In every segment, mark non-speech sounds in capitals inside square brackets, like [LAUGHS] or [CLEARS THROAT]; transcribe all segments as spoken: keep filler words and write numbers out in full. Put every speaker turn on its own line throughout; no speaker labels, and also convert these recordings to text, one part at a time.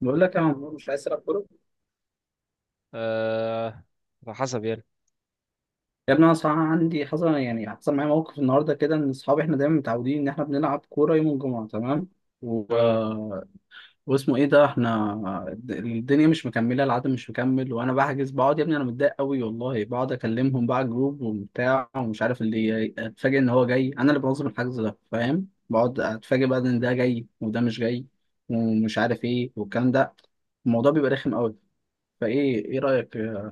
بقول لك يا عمرو مش عايز تلعب كوره.
آه، على حسب يعني.
يا ابني انا صراحه عندي حصل يعني حصل معايا موقف النهارده كده ان اصحابي احنا دايما متعودين ان احنا بنلعب كوره يوم الجمعه، تمام، و...
اه،
واسمه ايه ده احنا الد- الدنيا مش مكمله، العدد مش مكمل، وانا بحجز، بقعد يا ابني انا متضايق قوي والله، بقعد اكلمهم بقى جروب وبتاع ومش عارف، اللي اتفاجئ ان هو جاي، انا اللي بنظم الحجز ده فاهم، بقعد اتفاجئ بقى ان ده جاي وده مش جاي ومش عارف ايه والكلام ده. الموضوع بيبقى رخم قوي. فايه، ايه رايك في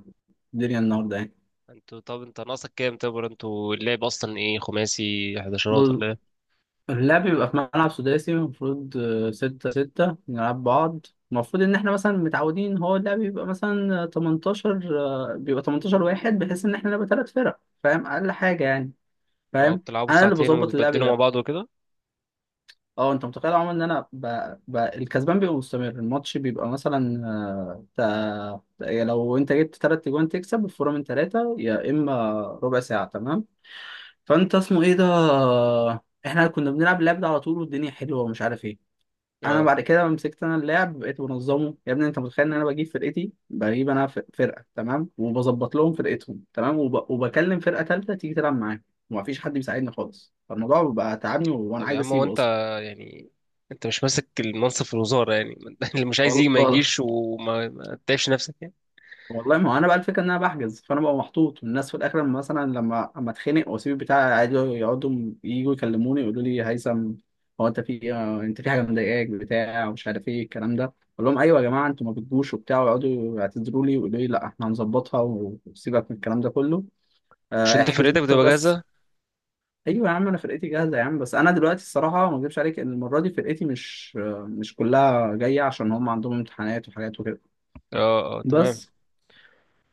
الدنيا النهارده يعني؟
انتوا طب انت ناقصك كام تبر، انتوا اللعب اصلا ايه؟ خماسي، حداشرات
بص،
ولا ايه؟
اللعب بيبقى في ملعب سداسي، المفروض آه، ستة ستة نلعب بعض. المفروض إن إحنا مثلا متعودين، هو اللعب بيبقى مثلا آه، تمنتاشر، آه، بيبقى تمنتاشر واحد، بحيث إن إحنا نبقى تلات فرق فاهم، أقل حاجة يعني.
اه،
فاهم؟
بتلعبوا
أنا اللي
ساعتين
بظبط اللعب
وتبدلوا مع
ده.
بعض وكده.
أه أنت متخيل يا عمر إن أنا ب... ب... الكسبان بيبقى مستمر؟ الماتش بيبقى مثلا آه، تا... تا- لو أنت جبت تلات أجوان تكسب، الفورة من تلاتة، يا إما ربع ساعة، تمام. فانت، اسمه ايه ده احنا كنا بنلعب اللعب ده على طول والدنيا حلوه ومش عارف ايه. انا
اه.
بعد كده لما مسكت انا اللعب بقيت بنظمه، يا ابني انت متخيل ان انا بجيب فرقتي، بجيب انا ف- فرقه تمام، وبظبط لهم فرقتهم تمام، وب... وبكلم فرقه ثالثه تيجي تلعب معايا، ومفيش حد بيساعدني خالص. فالموضوع بقى تعبني وانا
طب يا
عايز
عم، هو
اسيبه
انت
اصلا.
يعني انت مش ماسك المنصب في الوزارة يعني [LAUGHS] اللي مش عايز يجي ما
والله،
يجيش، وما ما تتعبش نفسك يعني.
والله ما هو انا بقى الفكره ان انا بحجز، فانا ببقى محطوط، والناس في الاخر لما مثلا لما اما اتخانق واسيب البتاع عادي، يقعدوا يجوا يكلموني، يقولوا لي هيثم، هو انت في آه، انت في حاجه مضايقاك، بتاع ومش عارف ايه الكلام ده. اقول لهم ايوه يا جماعه، انتوا ما بتجوش وبتاع، ويقعدوا يعتذروا لي ويقولوا لي لا احنا هنظبطها، وسيبك من الكلام ده كله،
مش
آه،
انت
احجز
فرقتك
انت
بتبقى
بس.
جاهزة؟
ايوه يا عم انا فرقتي جاهزه يا عم، بس انا دلوقتي الصراحه ما اكذبش عليك ان المره دي فرقتي مش آه، مش كلها جايه، عشان هم عندهم امتحانات وحاجات وكده.
اه، اه، تمام.
بس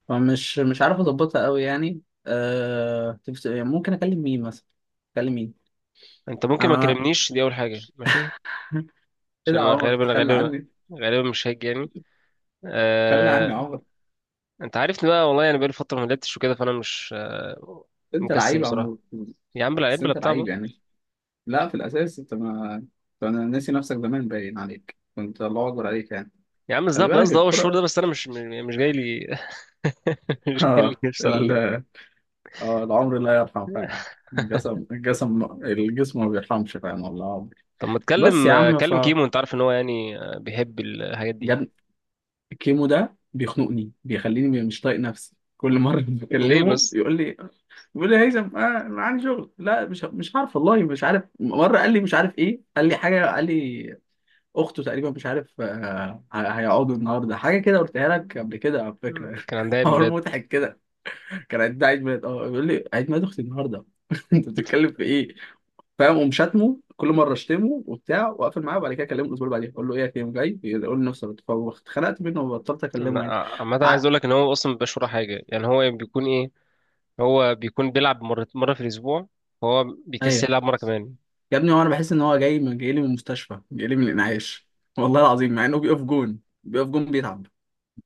فمش مش عارف اظبطها قوي يعني. أه... تفت- ممكن اكلم مين مثلا؟ اكلم مين؟
انت ممكن ما
انا.
كلمنيش، دي اول حاجة، ماشي؟
[LAUGHS] ايه
عشان
ده يا
انا
عمر،
غالبا
تخلى
غالبا
عني؟
غالبا مش هاجي يعني.
تخلى عني يا
آه.
عمر؟
انت عارفني بقى، والله انا بقالي فتره ما لعبتش وكده، فانا مش آه،
انت
مكسل
لعيب يا
بصراحه.
عمور.
يا عم لا،
بس
بلا
انت
بتاع
لعيب
بقى.
يعني؟ لا في الاساس انت ما، أنت- انا ناسي نفسك زمان، باين عليك كنت الله اكبر عليك يعني.
يا عم
خلي
الذهب،
بالك
قصدي هو الشهور
الكرة.
ده، بس انا مش م- مش جاي لي. [LAUGHS]
[LAUGHS]
مش جاي لي
اه
نفسي العب
ال...
يعني.
اه العمر لا يرحم فعلا. الجسم، الجسم الجسم ما بيرحمش فعلا والله العظيم.
طب ما
بس
تكلم،
يا
آه،
عم، ف،
كلم كيمو، انت عارف ان هو يعني آه، بيحب الحاجات دي.
الكيمو ده بيخنقني، بيخليني مش طايق نفسي كل مره. [LAUGHS]
ليه
بكلمه
بس؟
يقول لي، بيقول لي يا هيثم آه أنا عندي شغل، لا مش مش عارف والله، مش عارف، مره قال لي مش عارف ايه، قال لي حاجه، قال لي اخته تقريبا مش عارف آه ه- هيقعدوا النهارده حاجه كده، قلتها لك قبل كده على فكره.
كان عندها
[LAUGHS]
عيد
حوار
ميلاد.
مضحك كده. كان عيد، ده عيد ميلاد، اه بيقول لي عيد ميلاد اختي النهارده. [LAUGHS] انت بتتكلم في ايه؟ فاهم، اقوم شاتمه كل مره اشتمه وبتاع واقفل معاه، وبعد كده اكلمه الاسبوع اللي بعديه اقول له ايه يا كريم جاي، يقول لي نفس الاتفاق، واتخنقت منه وبطلت
أما-
اكلمه يعني.
عامه عايز
ع...
اقول لك ان هو اصلا ما بيبقاش وراه حاجه يعني، هو بيكون ايه. هو بيكون بيلعب مره مره في الاسبوع. هو بيكسل
ايوه
يلعب مره كمان.
يا ابني، هو انا بحس ان هو جاي، من جاي لي من المستشفى، جاي لي من الانعاش والله العظيم، مع انه بيقف جون، بيقف جون بيتعب.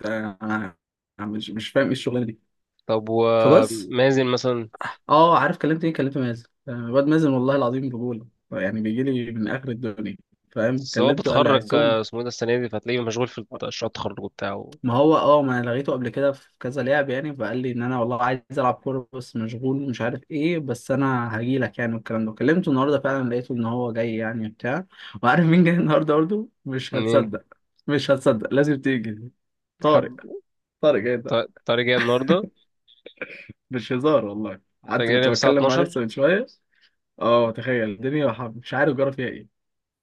ده انا، أنا مش مش فاهم ايه الشغلانه دي.
طب
فبس.
ومازن مثلا؟
اه عارف كلمت ايه؟ كلمت مازن. آه، الواد مازن والله العظيم رجوله، يعني بيجي لي من اخر الدنيا. فاهم،
بس هو
كلمته قال لي
بيتخرج،
هيصوم.
آه، اسمه ايه ده، السنة دي، فهتلاقيه مشغول في مشروع التخرج بتاعه.
ما هو اه ما انا لغيته قبل كده في كذا لعب يعني، فقال لي ان انا والله عايز العب كوره بس مشغول ومش عارف ايه، بس انا هجي لك يعني والكلام ده، كلمته النهارده فعلا لقيته ان هو جاي يعني بتاع. وعارف مين جاي النهارده برضه؟ مش
منين؟
هتصدق. مش هتصدق، لازم تيجي.
حد؟
طارق. طارق جاي ده،
ط- طارق جاي النهاردة؟
مش هزار والله،
طارق
قعدت
جاي
كنت
الساعة
بتكلم معاه
اتناشر؟
لسه من شويه. اه تخيل الدنيا، وح- مش عارف جرى فيها ايه.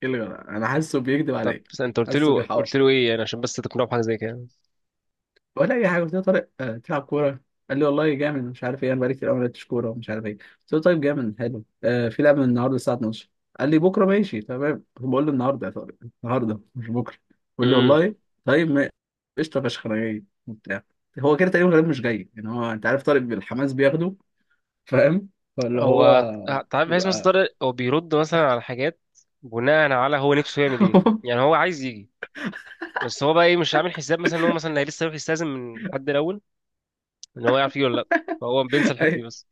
ايه اللي جرى؟ انا حاسه بيكذب
طب
عليا.
بس انت قلت
حاسه
له
بيحاول.
قلت له ايه يعني عشان بس تقنعه بحاجة زي كده؟
ولا اي حاجه، قلت له طارق آه، تلعب كوره؟ قال لي والله جامد، مش عارف ايه، انا بقالي كتير قوي ما لعبتش كوره ومش عارف ايه. قلت له طيب جامد حلو، آه، في لعبه النهارده الساعه اتناشر. قال لي بكره ماشي تمام، بقول له النهارده يا طارق، النهارده مش بكره. بيقول لي
امم.
والله طيب، ما- قشطه فشخ انا جاي وبتاع. هو كده تقريبا غالبا مش جاي يعني، هو انت عارف طارق بالحماس بياخده فاهم. فاللي هو،
هو، تعرف، بحيث مثلا
يبقى.
طارق هو بيرد مثلا على حاجات بناء على هو نفسه يعمل ايه، يعني
[LAUGHS]
هو عايز يجي، بس هو بقى ايه، مش عامل حساب مثلا ان هو مثلا هي لسه يروح يستأذن من حد الاول ان هو يعرف يجي ولا لا، فهو بينسى الحتة دي
أيوة.
بس.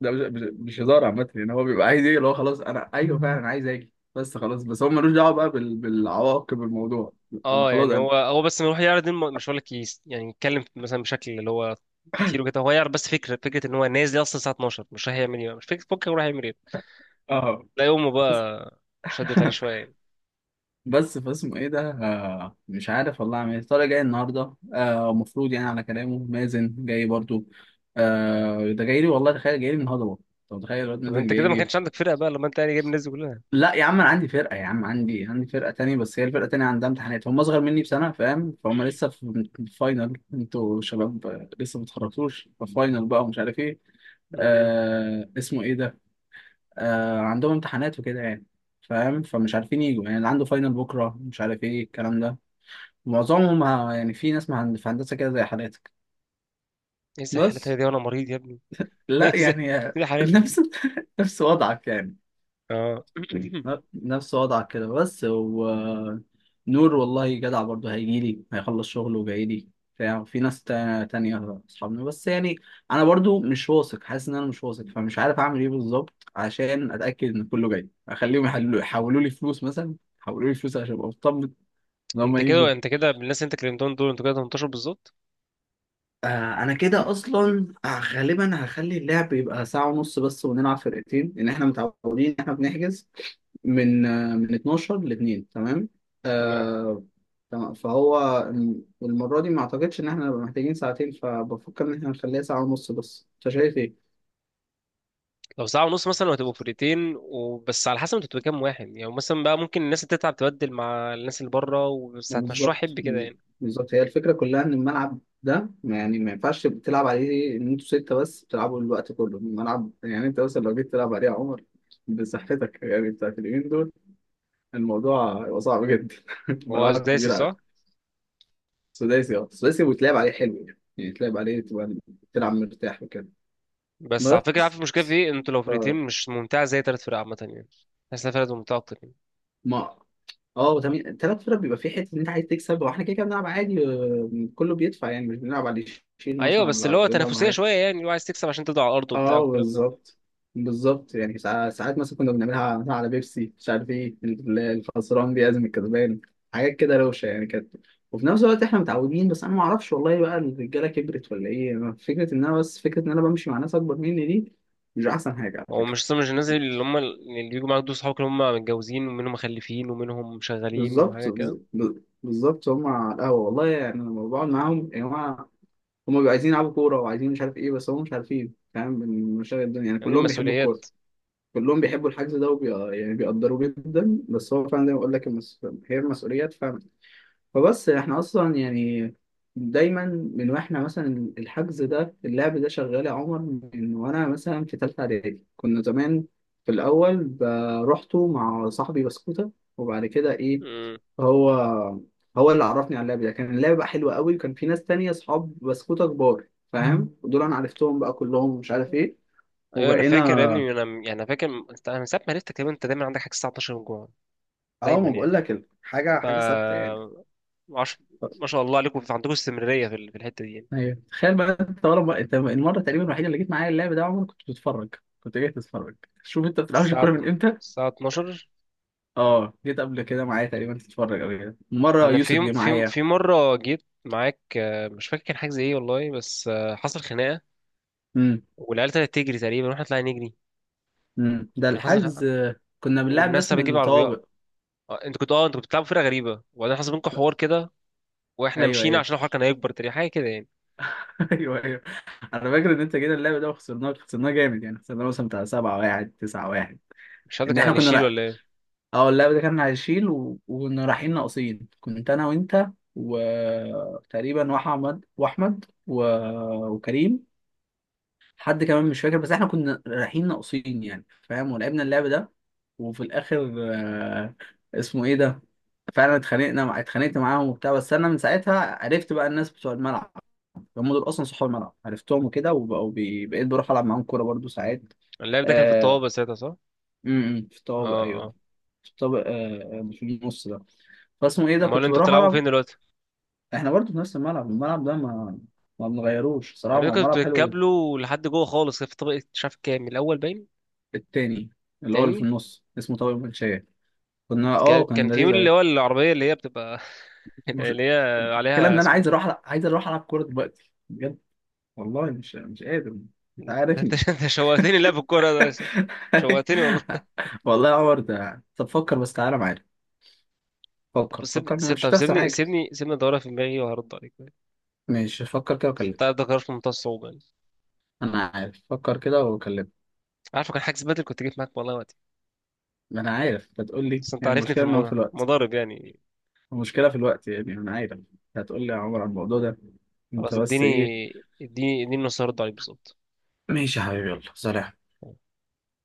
ده مش مش هزار عامة يعني، هو بيبقى عايز ايه اللي هو خلاص انا ايوه فعلا عايز اجي بس خلاص، بس هو ملوش دعوة بقى بال... بالعواقب الموضوع. انا
اه،
خلاص
يعني
انا
هو هو بس إنه يروح يعرض دي الم- مش هقول لك، يس- يعني يتكلم مثلا بشكل اللي هو كتير وكده، هو يعرض بس فكره فكره ان هو نازل اصلا الساعه اتناشر، مش رايح يعمل ايه بقى. مش فكره بكره رايح يعمل ايه.
اه
تلاقي امه
بس.
بقى شدت عليه
[LAUGHS]
شويه يعني.
بس فاسمه ايه ده آه مش عارف والله اعمل ايه. طارق جاي النهارده، آه المفروض يعني على كلامه مازن جاي برضو، آه ده جاي لي والله، تخيل جاي لي النهارده برضه. طب تخيل الواد
طب
مازن
انت
جاي
كده ما
لي.
كانش عندك فرقه بقى لما انت يعني جايب الناس دي كلها؟
لا يا عم انا عندي فرقه يا عم، عندي عندي فرقه تانية، بس هي الفرقه التانية عندها امتحانات، هم اصغر مني بسنه فاهم، فهم لسه في الفاينل، انتوا شباب آه، لسه ما اتخرجتوش، فاينل بقى ومش عارف ايه.
امم.
آه اسمه ايه ده آه عندهم امتحانات وكده يعني، فاهم، فمش عارفين يجوا يعني، اللي عنده فاينل بكره، مش عارف ايه الكلام ده. معظمهم ه- يعني في ناس مهن- في هندسه كده زي حالاتك
ايه زي حالتك
بس.
دي، وانا مريض يا ابني [LAUGHS] ايه
لا
زي.
يعني آه،
إيه زي
[LAUGHS]
حالتك دي؟
نفس، نفس وضعك يعني،
اه [CLEARS THROAT]
نفس وضعك كده بس. و نور والله جدع برضه، هيجيلي هيخلص شغله وجايلي بتاع، في ناس تا- تانية أصحابنا بس يعني. أنا برضه مش واثق، حاسس إن أنا مش واثق، فمش عارف أعمل إيه بالظبط عشان أتأكد إن كله جاي. أخليهم يحلوا يحولوا لي فلوس مثلا، يحولوا لي فلوس عشان أبقى مطمن إن
انت
هما يجوا.
كده انت كده بالناس اللي انت كلمتهم دول انتوا كده تمنتاشر بالظبط؟
آه. انا كده اصلا آه، غالبا هخلي اللعب يبقى ساعة ونص بس ونلعب فرقتين، لان احنا متعودين ان احنا بنحجز من آه، من اتناشر ل اتنين تمام.
تمام.
آه، تمام. فهو الم- المرة دي ما اعتقدش ان احنا نبقى محتاجين ساعتين، فبفكر ان احنا نخليها ساعة ونص بس، انت شايف ايه؟
لو ساعة ونص مثلا وهتبقوا فرقتين وبس، على حسب انتوا بتبقوا كام واحد يعني، مثلا بقى ممكن الناس اللي تتعب تبدل مع الناس اللي بره وبس، هتمشوها
بالظبط،
حب كده يعني.
بالظبط هي الفكرة كلها، ان الملعب ده ما- يعني ما ينفعش تبقى تلعب عليه ان انتوا ستة بس تلعبوا الوقت كله، الملعب يعني انت مثلا لو جيت تلعب عليه يا عمر بصحتك يعني بتاعت اليومين دول، الموضوع هيبقى صعب جدا. [LAUGHS]
هو
ملعب
سداسي
كبير
صح؟
عادي. سداسي، اه سداسي، ويتلعب عليه حلو يعني، يعني يتلعب عليه، تبقى تلعب مرتاح وكده.
بس على فكرة، عارف
بس،
المشكلة في ايه؟ انتوا لو
ف،
فرقتين مش ممتعة زي تلات فرق عامة يعني. تحس انها فرقة ممتعة أكتر يعني.
ما، اه تمام، تلات فرق بيبقى في حته ان انت عايز تكسب، واحنا كده كده بنلعب عادي، آه، كله بيدفع يعني، مش بنلعب على اللي يشيل
أيوة،
مثلا
بس
ولا
اللي هو
ولا بنلعب على
تنافسية
حاجة.
شوية يعني، اللي هو عايز تكسب عشان تفضل على الأرض وبتاع
اه
والكلام ده.
بالظبط، بالظبط يعني ساع- ساعات مثلا كنا بنعملها مثلاً على بيبسي مش عارف ايه، ال- الخسران بيعزم الكسبان، حاجات كده روشه يعني كانت. وفي نفس الوقت احنا متعودين، بس انا ما اعرفش والله بقى الرجاله كبرت ولا ايه، فكره ان انا بس فكره ان انا بمشي مع ناس اكبر مني دي مش احسن حاجه على
هو
فكره.
مش مش الناس اللي هم اللي بيجوا معاك دول صحابك، اللي هم متجوزين ومنهم مخلفين ومنهم شغالين وحاجة
بالظبط،
كده؟
بز- ب- بالظبط هم على القهوه والله يعني، انا لما بقعد معاهم يا جماعه، هم بيبقوا عايزين يلعبوا كوره وعايزين مش عارف ايه، بس هم مش عارفين فاهم من مشاغل الدنيا يعني،
يعني
كلهم بيحبوا الكوره،
المسؤوليات.
كلهم بيحبوا الحجز ده وبي... يعني بيقدروه جدا، بس هو فعلا زي ما بقول لك المس... هي المسؤوليات فعلا. فبس، احنا اصلا يعني دايما، من واحنا مثلا الحجز ده اللعب ده شغال يا عمر، من وانا مثلا في ثالثه اعدادي كنا زمان، في الاول ب- روحته مع صاحبي بسكوته، وبعد كده ايه، هو، هو اللي عرفني على اللعب ده، كان اللعب بقى حلو قوي وكان في ناس تانية اصحاب بسكوته كبار. مم. فاهم، ودول انا عرفتهم بقى كلهم ومش عارف ايه.
ايوه انا فاكر يا
وبقينا،
ابني، انا يعني انا فاكر، انت انا من ساعه ما عرفتك تقريبا انت دايما عندك حاجه الساعه اتناشر، جوع
اه
دايما
ما بقول
يعني.
لك حاجه،
ف
حاجه ثابته يعني.
عش... ما شاء الله عليكم، عندكم استمراريه في ال- في الحته دي يعني.
ايوه تخيل بقى، انت ورا بقى، انت المره تقريبا الوحيده اللي جيت معايا اللعب ده يا عمر، كنت بتتفرج، كنت جاي تتفرج. شوف انت ما بتلعبش
الساعه
الكوره
اتن-
من امتى.
الساعه اتناشر.
اه جيت قبل كده معايا تقريبا تتفرج او كده، مره
انا في
يوسف
يوم-
جه
في يوم-
معايا.
في مره جيت معاك، آه، مش فاكر كان حاجه زي ايه والله، بس آه، حصل خناقه،
امم.
والعيال ابتدت تجري تقريبا واحنا طلعنا نجري.
امم ده
كان حصل
الحجز،
خناقة.
آه، كنا بنلعب ناس
والناس
من
بتجيب
الطوابق.
عربيات. آه، انتوا كنتوا اه انتوا كنتوا بتلعبوا فرقه غريبه، وبعدين حصل بينكم
ك-
حوار كده، واحنا
ايوه
مشينا
ايوه.
عشان الحوار كان هيكبر تقريبا، حاجه كده يعني.
[LAUGHS] ايوه ايوه. انا فاكر ان انت جينا اللعب ده وخسرناه، خسرناه جامد يعني، خسرناه مثلا بتاع سبعة واحد تسعة واحد.
مش عارف ده
ان
كان
احنا
على
كنا،
الشيل ولا ايه.
اه اللاعب ده كان هيشيل و... وكنا رايحين ناقصين، كنت انا وانت، وتقريبا واحمد واحمد و... وكريم، حد كمان مش فاكر، بس احنا كنا رايحين ناقصين يعني فاهم، ولعبنا اللعب ده، وفي الاخر، آه، اسمه ايه ده فعلا اتخانقنا مع... اتخانقت معاهم وبتاع، بس انا من ساعتها عرفت بقى الناس بتوع الملعب، هم دول اصلا صحاب الملعب، عرفتهم وكده وبقوا بي... بقيت بروح العب معاهم كوره برضو ساعات.
اللاعب ده كان في
آه...
الطوابه ساعتها، صح؟
م- م، في الطوابق
اه،
ايوه.
اه.
في الطابق آه... آه، في النص ده. فاسمه ايه ده
امال
كنت
انتوا
بروح
بتلعبوا
العب.
فين دلوقتي؟
احنا برضه في نفس الملعب، الملعب ده ما ما بنغيروش
يعني
صراحه، هو
انتوا كنتوا
ملعب حلو جدا.
بتتكابلوا لحد جوه خالص في طبقه مش عارف كام، الاول باين.
التاني، اللي هو اللي في
تاني.
النص اسمه طارق المنشيه. كنا، اه
كان
كان
كان في،
لذيذ
اللي
قوي.
هو العربيه اللي هي بتبقى [LAUGHS]
مش،
اللي هي
المشكله
عليها
ان انا
اسمه
عايز
إيه؟
اروح ألع- عايز اروح العب كوره دلوقتي بجد، والله مش مش قادر،
ده
انت
[LAUGHS] انت
عارفني.
انت شوقتني لا في الكوره ده ش- شوقتني والله.
[LAUGHS] والله يا عمر ده، طب فكر بس، تعالى معايا،
طب
فكر،
سيبني،
فكر
سيب-
مش
طب
هتخسر
سيبني
حاجه.
سيبني سيبني ادورها في دماغي وهرد عليك.
ماشي فكر كده
بس
وكلمني.
انت ده قرار في منتهى الصعوبه يعني.
انا عارف، فكر كده وكلمني.
عارفه كان حاجز بدل كنت جيت معاك والله وقتي،
ما انا عارف بتقول لي،
بس انت
هي
عارفني في
المشكله ان هو في الوقت،
المضارب يعني.
المشكلة في الوقت يعني، أنا عارف، هتقول لي يا عمر على الموضوع ده أنت
خلاص،
بس
اديني
إيه.
اديني اديني نص هرد عليك بالظبط.
ماشي يا حبيبي، يلا سلام.